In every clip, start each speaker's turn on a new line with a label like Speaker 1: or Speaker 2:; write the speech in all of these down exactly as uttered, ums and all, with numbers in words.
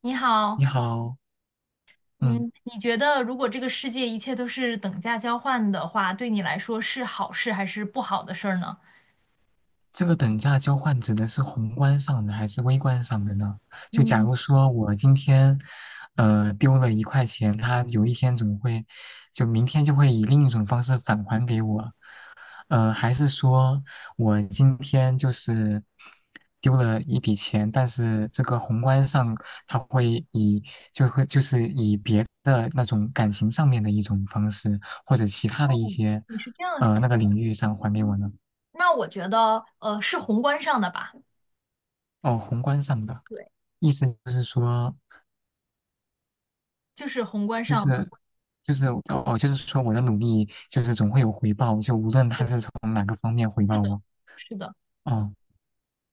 Speaker 1: 你
Speaker 2: 你
Speaker 1: 好，
Speaker 2: 好，嗯，
Speaker 1: 嗯，你觉得如果这个世界一切都是等价交换的话，对你来说是好事还是不好的事儿呢？
Speaker 2: 这个等价交换指的是宏观上的还是微观上的呢？就假
Speaker 1: 嗯，
Speaker 2: 如说我今天，呃，丢了一块钱，它有一天总会，就明天就会以另一种方式返还给我，呃，还是说我今天就是丢了一笔钱，但是这个宏观上它会以就会就是以别的那种感情上面的一种方式，或者其他的一些，
Speaker 1: 你是这样
Speaker 2: 呃，
Speaker 1: 想，
Speaker 2: 那个领域上还给我呢？
Speaker 1: 那我觉得，呃，是宏观上的吧，
Speaker 2: 哦，宏观上的
Speaker 1: 对，
Speaker 2: 意思就是说，
Speaker 1: 就是宏观
Speaker 2: 就
Speaker 1: 上
Speaker 2: 是
Speaker 1: 的。
Speaker 2: 就是哦，就是说我的努力就是总会有回报，就无论他
Speaker 1: 对，
Speaker 2: 是从哪个方面回
Speaker 1: 是
Speaker 2: 报
Speaker 1: 的，
Speaker 2: 我。
Speaker 1: 是的，
Speaker 2: 哦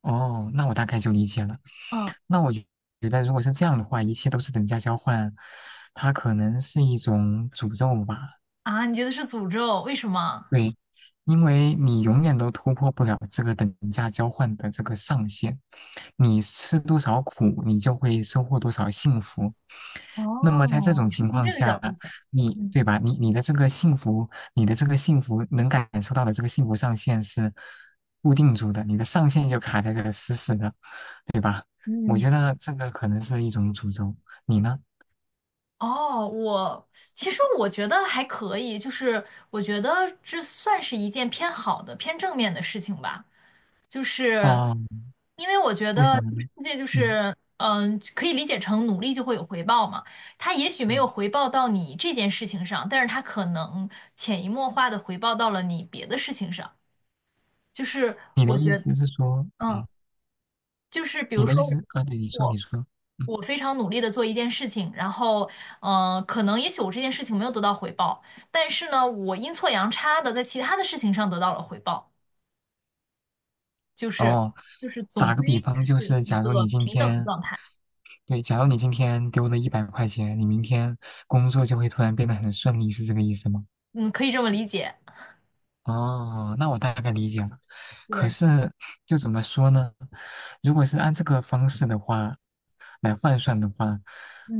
Speaker 2: 哦，那我大概就理解了。
Speaker 1: 嗯，
Speaker 2: 那我觉觉得如果是这样的话，一切都是等价交换，它可能是一种诅咒吧。
Speaker 1: 啊，你觉得是诅咒？为什么？
Speaker 2: 对，因为你永远都突破不了这个等价交换的这个上限，你吃多少苦，你就会收获多少幸福。那么在这
Speaker 1: 哦，
Speaker 2: 种
Speaker 1: 你是
Speaker 2: 情
Speaker 1: 从
Speaker 2: 况
Speaker 1: 这个角
Speaker 2: 下，
Speaker 1: 度想，
Speaker 2: 你
Speaker 1: 嗯，
Speaker 2: 对吧？你你的这个幸福，你的这个幸福能感受到的这个幸福上限是固定住的，你的上限就卡在这个死死的，对吧？我
Speaker 1: 嗯，
Speaker 2: 觉得这个可能是一种诅咒。你呢？
Speaker 1: 哦，我其实我觉得还可以，就是我觉得这算是一件偏好的、偏正面的事情吧。就是
Speaker 2: 哦，
Speaker 1: 因为我觉
Speaker 2: 为
Speaker 1: 得
Speaker 2: 什么
Speaker 1: 这个
Speaker 2: 呢？
Speaker 1: 世界就
Speaker 2: 嗯
Speaker 1: 是，嗯，可以理解成努力就会有回报嘛。它也许没有
Speaker 2: 嗯，
Speaker 1: 回报到你这件事情上，但是它可能潜移默化的回报到了你别的事情上。就是
Speaker 2: 你的
Speaker 1: 我
Speaker 2: 意
Speaker 1: 觉得，
Speaker 2: 思是说，
Speaker 1: 嗯，
Speaker 2: 嗯。
Speaker 1: 就是比
Speaker 2: 你
Speaker 1: 如
Speaker 2: 的意思
Speaker 1: 说
Speaker 2: 啊？对，你说，
Speaker 1: 我。
Speaker 2: 你说，嗯，
Speaker 1: 我非常努力的做一件事情，然后，嗯、可能也许我这件事情没有得到回报，但是呢，我阴错阳差的在其他的事情上得到了回报，就是
Speaker 2: 哦，
Speaker 1: 就是总
Speaker 2: 打个
Speaker 1: 归
Speaker 2: 比方，就
Speaker 1: 是
Speaker 2: 是
Speaker 1: 一
Speaker 2: 假如
Speaker 1: 个
Speaker 2: 你今
Speaker 1: 平等的
Speaker 2: 天，
Speaker 1: 状态，
Speaker 2: 对，假如你今天丢了一百块钱，你明天工作就会突然变得很顺利，是这个意思吗？
Speaker 1: 嗯，可以这么理解，
Speaker 2: 哦，那我大概理解了。可
Speaker 1: 对，
Speaker 2: 是，就怎么说呢？如果是按这个方式的话，来换算的话，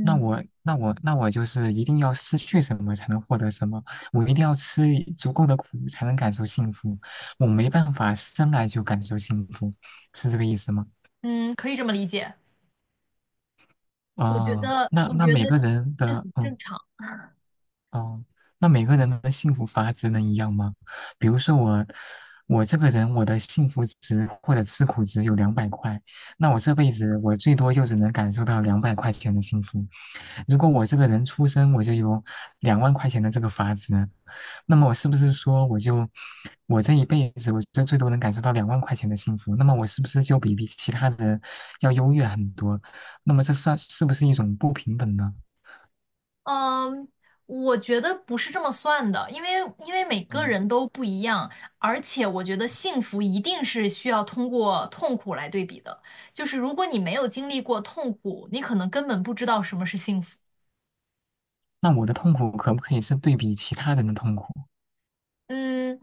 Speaker 2: 那我那我那我就是一定要失去什么才能获得什么，我一定要吃足够的苦才能感受幸福，我没办法生来就感受幸福，是这个意思吗？
Speaker 1: 嗯，可以这么理解，我觉
Speaker 2: 哦，
Speaker 1: 得
Speaker 2: 那
Speaker 1: 我
Speaker 2: 那
Speaker 1: 觉得
Speaker 2: 每个人
Speaker 1: 这
Speaker 2: 的
Speaker 1: 很正
Speaker 2: 嗯。
Speaker 1: 常，
Speaker 2: 哦，那每个人的幸福阀值能一样吗？比如说我，我这个人我的幸福值或者吃苦值有两百块，那我这辈子我最多就只能感受到两百块钱的幸福。如果我这个人出生我就有两万块钱的这个阀值，那么我是不是说我就我这一辈子我就最多能感受到两万块钱的幸福？那么我是不是就比比其他人要优越很多？那么这算是不是一种不平等呢？
Speaker 1: 嗯，我觉得不是这么算的，因为因为每个
Speaker 2: 嗯。
Speaker 1: 人都不一样，而且我觉得幸福一定是需要通过痛苦来对比的，就是如果你没有经历过痛苦，你可能根本不知道什么是幸福，
Speaker 2: 那我的痛苦可不可以是对比其他人的痛苦？
Speaker 1: 嗯。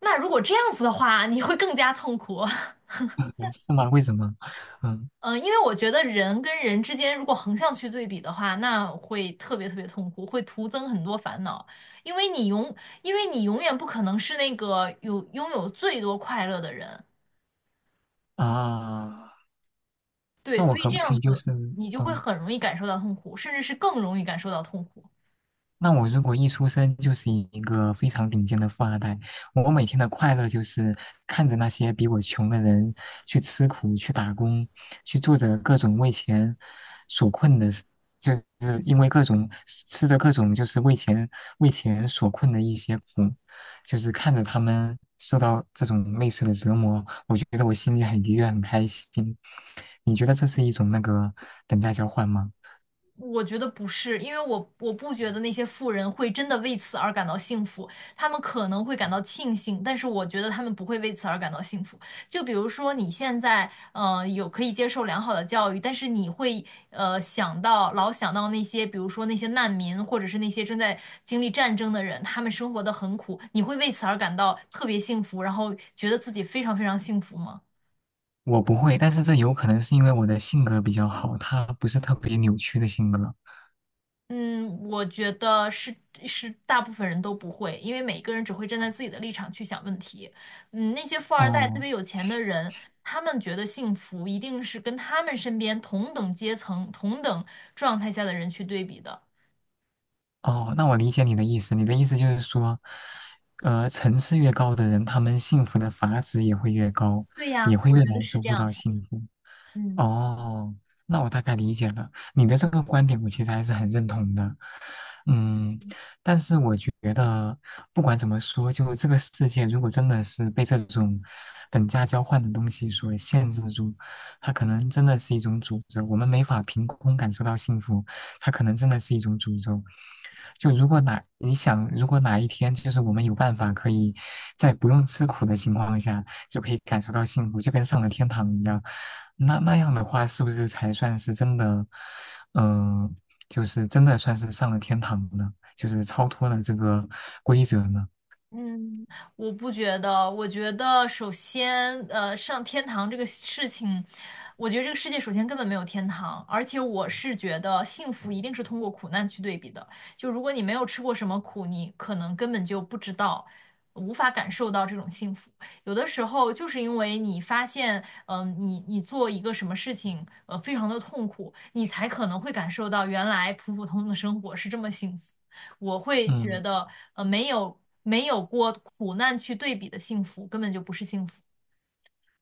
Speaker 1: 那如果这样子的话，你会更加痛苦。
Speaker 2: 是吗？为什么？嗯
Speaker 1: 嗯，呃因为我觉得人跟人之间如果横向去对比的话，那会特别特别痛苦，会徒增很多烦恼。因为你永，因为你永远不可能是那个有拥有最多快乐的人，
Speaker 2: 啊，
Speaker 1: 对，
Speaker 2: 那
Speaker 1: 所
Speaker 2: 我
Speaker 1: 以
Speaker 2: 可
Speaker 1: 这
Speaker 2: 不可
Speaker 1: 样
Speaker 2: 以就
Speaker 1: 子
Speaker 2: 是
Speaker 1: 你就会
Speaker 2: 嗯
Speaker 1: 很容易感受到痛苦，甚至是更容易感受到痛苦。
Speaker 2: 那我如果一出生就是一个非常顶尖的富二代，我每天的快乐就是看着那些比我穷的人去吃苦、去打工、去做着各种为钱所困的事，就是因为各种吃着各种就是为钱为钱所困的一些苦，就是看着他们受到这种类似的折磨，我觉得我心里很愉悦、很开心。你觉得这是一种那个等价交换吗？
Speaker 1: 我觉得不是，因为我我不觉得那些富人会真的为此而感到幸福，他们可能会感到庆幸，但是我觉得他们不会为此而感到幸福。就比如说你现在，呃，有可以接受良好的教育，但是你会，呃，想到老想到那些，比如说那些难民，或者是那些正在经历战争的人，他们生活的很苦，你会为此而感到特别幸福，然后觉得自己非常非常幸福吗？
Speaker 2: 我不会，但是这有可能是因为我的性格比较好，他不是特别扭曲的性格。
Speaker 1: 嗯，我觉得是是大部分人都不会，因为每一个人只会站在自己的立场去想问题。嗯，那些富二代特
Speaker 2: 哦
Speaker 1: 别有钱的人，他们觉得幸福一定是跟他们身边同等阶层、同等状态下的人去对比的。
Speaker 2: 哦，那我理解你的意思。你的意思就是说，呃，层次越高的人，他们幸福的阀值也会越高，
Speaker 1: 对呀，
Speaker 2: 也会
Speaker 1: 我
Speaker 2: 越
Speaker 1: 觉得
Speaker 2: 难
Speaker 1: 是
Speaker 2: 收
Speaker 1: 这
Speaker 2: 获
Speaker 1: 样
Speaker 2: 到
Speaker 1: 的。
Speaker 2: 幸福。
Speaker 1: 嗯。
Speaker 2: 哦，那我大概理解了你的这个观点，我其实还是很认同的。嗯，但是我觉得不管怎么说，就这个世界如果真的是被这种等价交换的东西所限制住，它可能真的是一种诅咒。我们没法凭空感受到幸福，它可能真的是一种诅咒。就如果哪你想，如果哪一天就是我们有办法可以在不用吃苦的情况下就可以感受到幸福，就跟上了天堂一样。那那样的话，是不是才算是真的，嗯、就是真的算是上了天堂呢？就是超脱了这个规则呢？
Speaker 1: 嗯，我不觉得，我觉得首先，呃，上天堂这个事情，我觉得这个世界首先根本没有天堂，而且我是觉得幸福一定是通过苦难去对比的。就如果你没有吃过什么苦，你可能根本就不知道，无法感受到这种幸福。有的时候就是因为你发现，嗯、你你做一个什么事情，呃，非常的痛苦，你才可能会感受到原来普普通通的生活是这么幸福。我会觉
Speaker 2: 嗯，
Speaker 1: 得，呃，没有没有过苦难去对比的幸福，根本就不是幸福。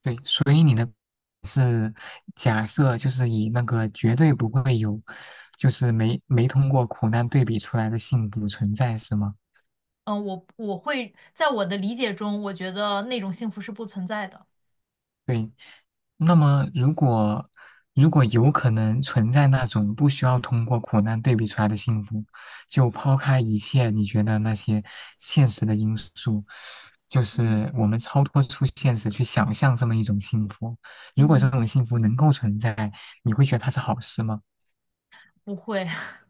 Speaker 2: 对，所以你的是假设，就是以那个绝对不会有，就是没没通过苦难对比出来的幸福存在，是吗？
Speaker 1: 嗯、我我会在我的理解中，我觉得那种幸福是不存在的。
Speaker 2: 对，那么，如果如果有可能存在那种不需要通过苦难对比出来的幸福，就抛开一切你觉得那些现实的因素，就
Speaker 1: 嗯，
Speaker 2: 是我们超脱出现实去想象这么一种幸福。如果这
Speaker 1: 嗯，
Speaker 2: 种幸福能够存在，你会觉得它是好事吗？
Speaker 1: 不会，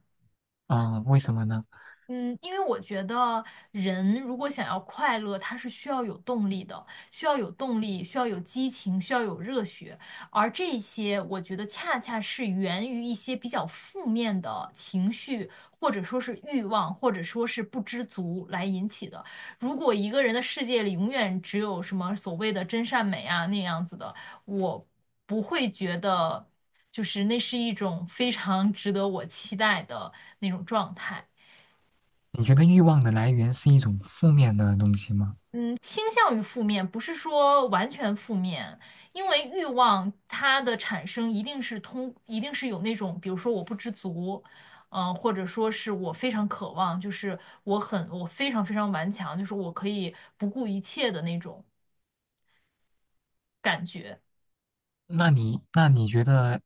Speaker 2: 嗯，为什么呢？
Speaker 1: 嗯，因为我觉得人如果想要快乐，他是需要有动力的，需要有动力，需要有激情，需要有热血。而这些，我觉得恰恰是源于一些比较负面的情绪，或者说是欲望，或者说是不知足来引起的。如果一个人的世界里永远只有什么所谓的真善美啊那样子的，我不会觉得就是那是一种非常 值得我期待的那种状态。
Speaker 2: 你觉得欲望的来源是一种负面的东西吗？
Speaker 1: 嗯，倾向于负面，不是说完全负面，因为欲望它的产生一定是通，一定是有那种，比如说我不知足，嗯、呃或者说是我非常渴望，就是我很，我非常非常顽强，就是我可以不顾一切的那种。
Speaker 2: 那你那你觉得，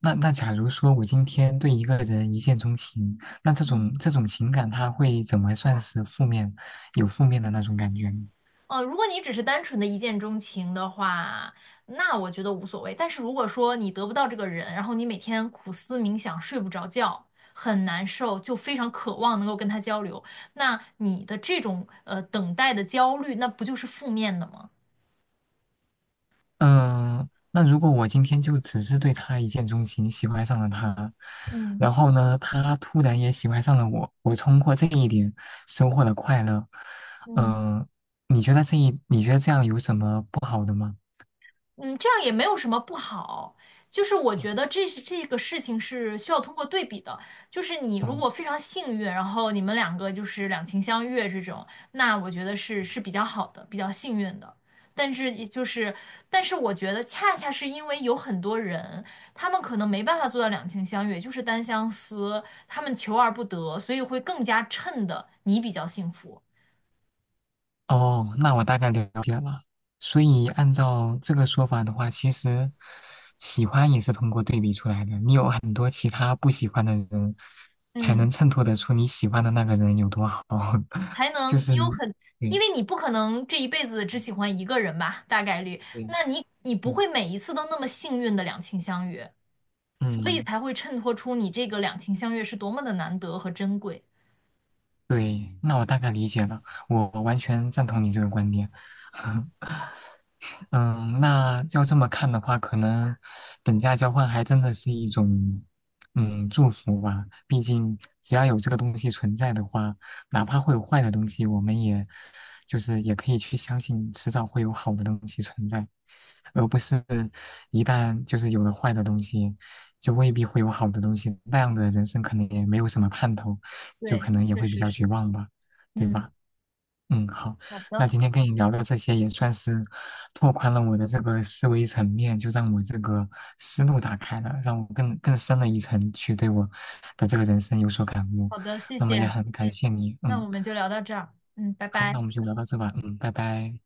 Speaker 2: 那那假如说我今天对一个人一见钟情，那这种这种情感，它会怎么算是负面，有负面的那种感觉呢？
Speaker 1: 呃，如果你只是单纯的一见钟情的话，那我觉得无所谓。但是如果说你得不到这个人，然后你每天苦思冥想，睡不着觉，很难受，就非常渴望能够跟他交流，那你的这种呃等待的焦虑，那不就是负面的吗？
Speaker 2: 嗯、那如果我今天就只是对他一见钟情，喜欢上了他，
Speaker 1: 嗯，
Speaker 2: 然后呢，他突然也喜欢上了我，我通过这一点收获了快乐，
Speaker 1: 嗯，
Speaker 2: 嗯、你觉得这一，你觉得这样有什么不好的吗？
Speaker 1: 嗯，这样也没有什么不好，就是我觉
Speaker 2: 嗯
Speaker 1: 得这是这个事情是需要通过对比的，就是你如
Speaker 2: 嗯。
Speaker 1: 果非常幸运，然后你们两个就是两情相悦这种，那我觉得是是比较好的，比较幸运的。但是也就是，但是我觉得恰恰是因为有很多人，他们可能没办法做到两情相悦，就是单相思，他们求而不得，所以会更加衬的你比较幸福。
Speaker 2: 哦，那我大概了解了。所以按照这个说法的话，其实喜欢也是通过对比出来的。你有很多其他不喜欢的人，才
Speaker 1: 嗯。
Speaker 2: 能衬托得出你喜欢的那个人有多好。
Speaker 1: 才 能
Speaker 2: 就
Speaker 1: 你
Speaker 2: 是，
Speaker 1: 有很，因
Speaker 2: 对，
Speaker 1: 为你不可能这一辈子只
Speaker 2: 嗯
Speaker 1: 喜欢一个人吧，大概率，
Speaker 2: 对，
Speaker 1: 那你你不
Speaker 2: 嗯，
Speaker 1: 会每一次都那么幸运的两情相悦，所以
Speaker 2: 嗯，
Speaker 1: 才会衬托出你这个两情相悦是多么的难得和珍贵。
Speaker 2: 对。那我大概理解了，我完全赞同你这个观点。嗯，那要这么看的话，可能等价交换还真的是一种嗯祝福吧。毕竟只要有这个东西存在的话，哪怕会有坏的东西，我们也就是也可以去相信，迟早会有好的东西存在，而不是一旦就是有了坏的东西，就未必会有好的东西。那样的人生可能也没有什么盼头，就
Speaker 1: 对，
Speaker 2: 可能也
Speaker 1: 确
Speaker 2: 会比
Speaker 1: 实
Speaker 2: 较
Speaker 1: 是。
Speaker 2: 绝望吧，对
Speaker 1: 嗯，
Speaker 2: 吧？嗯，好，
Speaker 1: 好的，
Speaker 2: 那今天跟你聊的这些也算是拓宽了我的这个思维层面，就让我这个思路打开了，让我更更深了一层去对我的这个人生有所感悟。
Speaker 1: 好的，谢
Speaker 2: 那么也
Speaker 1: 谢。
Speaker 2: 很感谢你，
Speaker 1: 那
Speaker 2: 嗯，
Speaker 1: 我们就聊到这儿。嗯，拜
Speaker 2: 好，那
Speaker 1: 拜。
Speaker 2: 我们就聊到这吧，嗯，拜拜。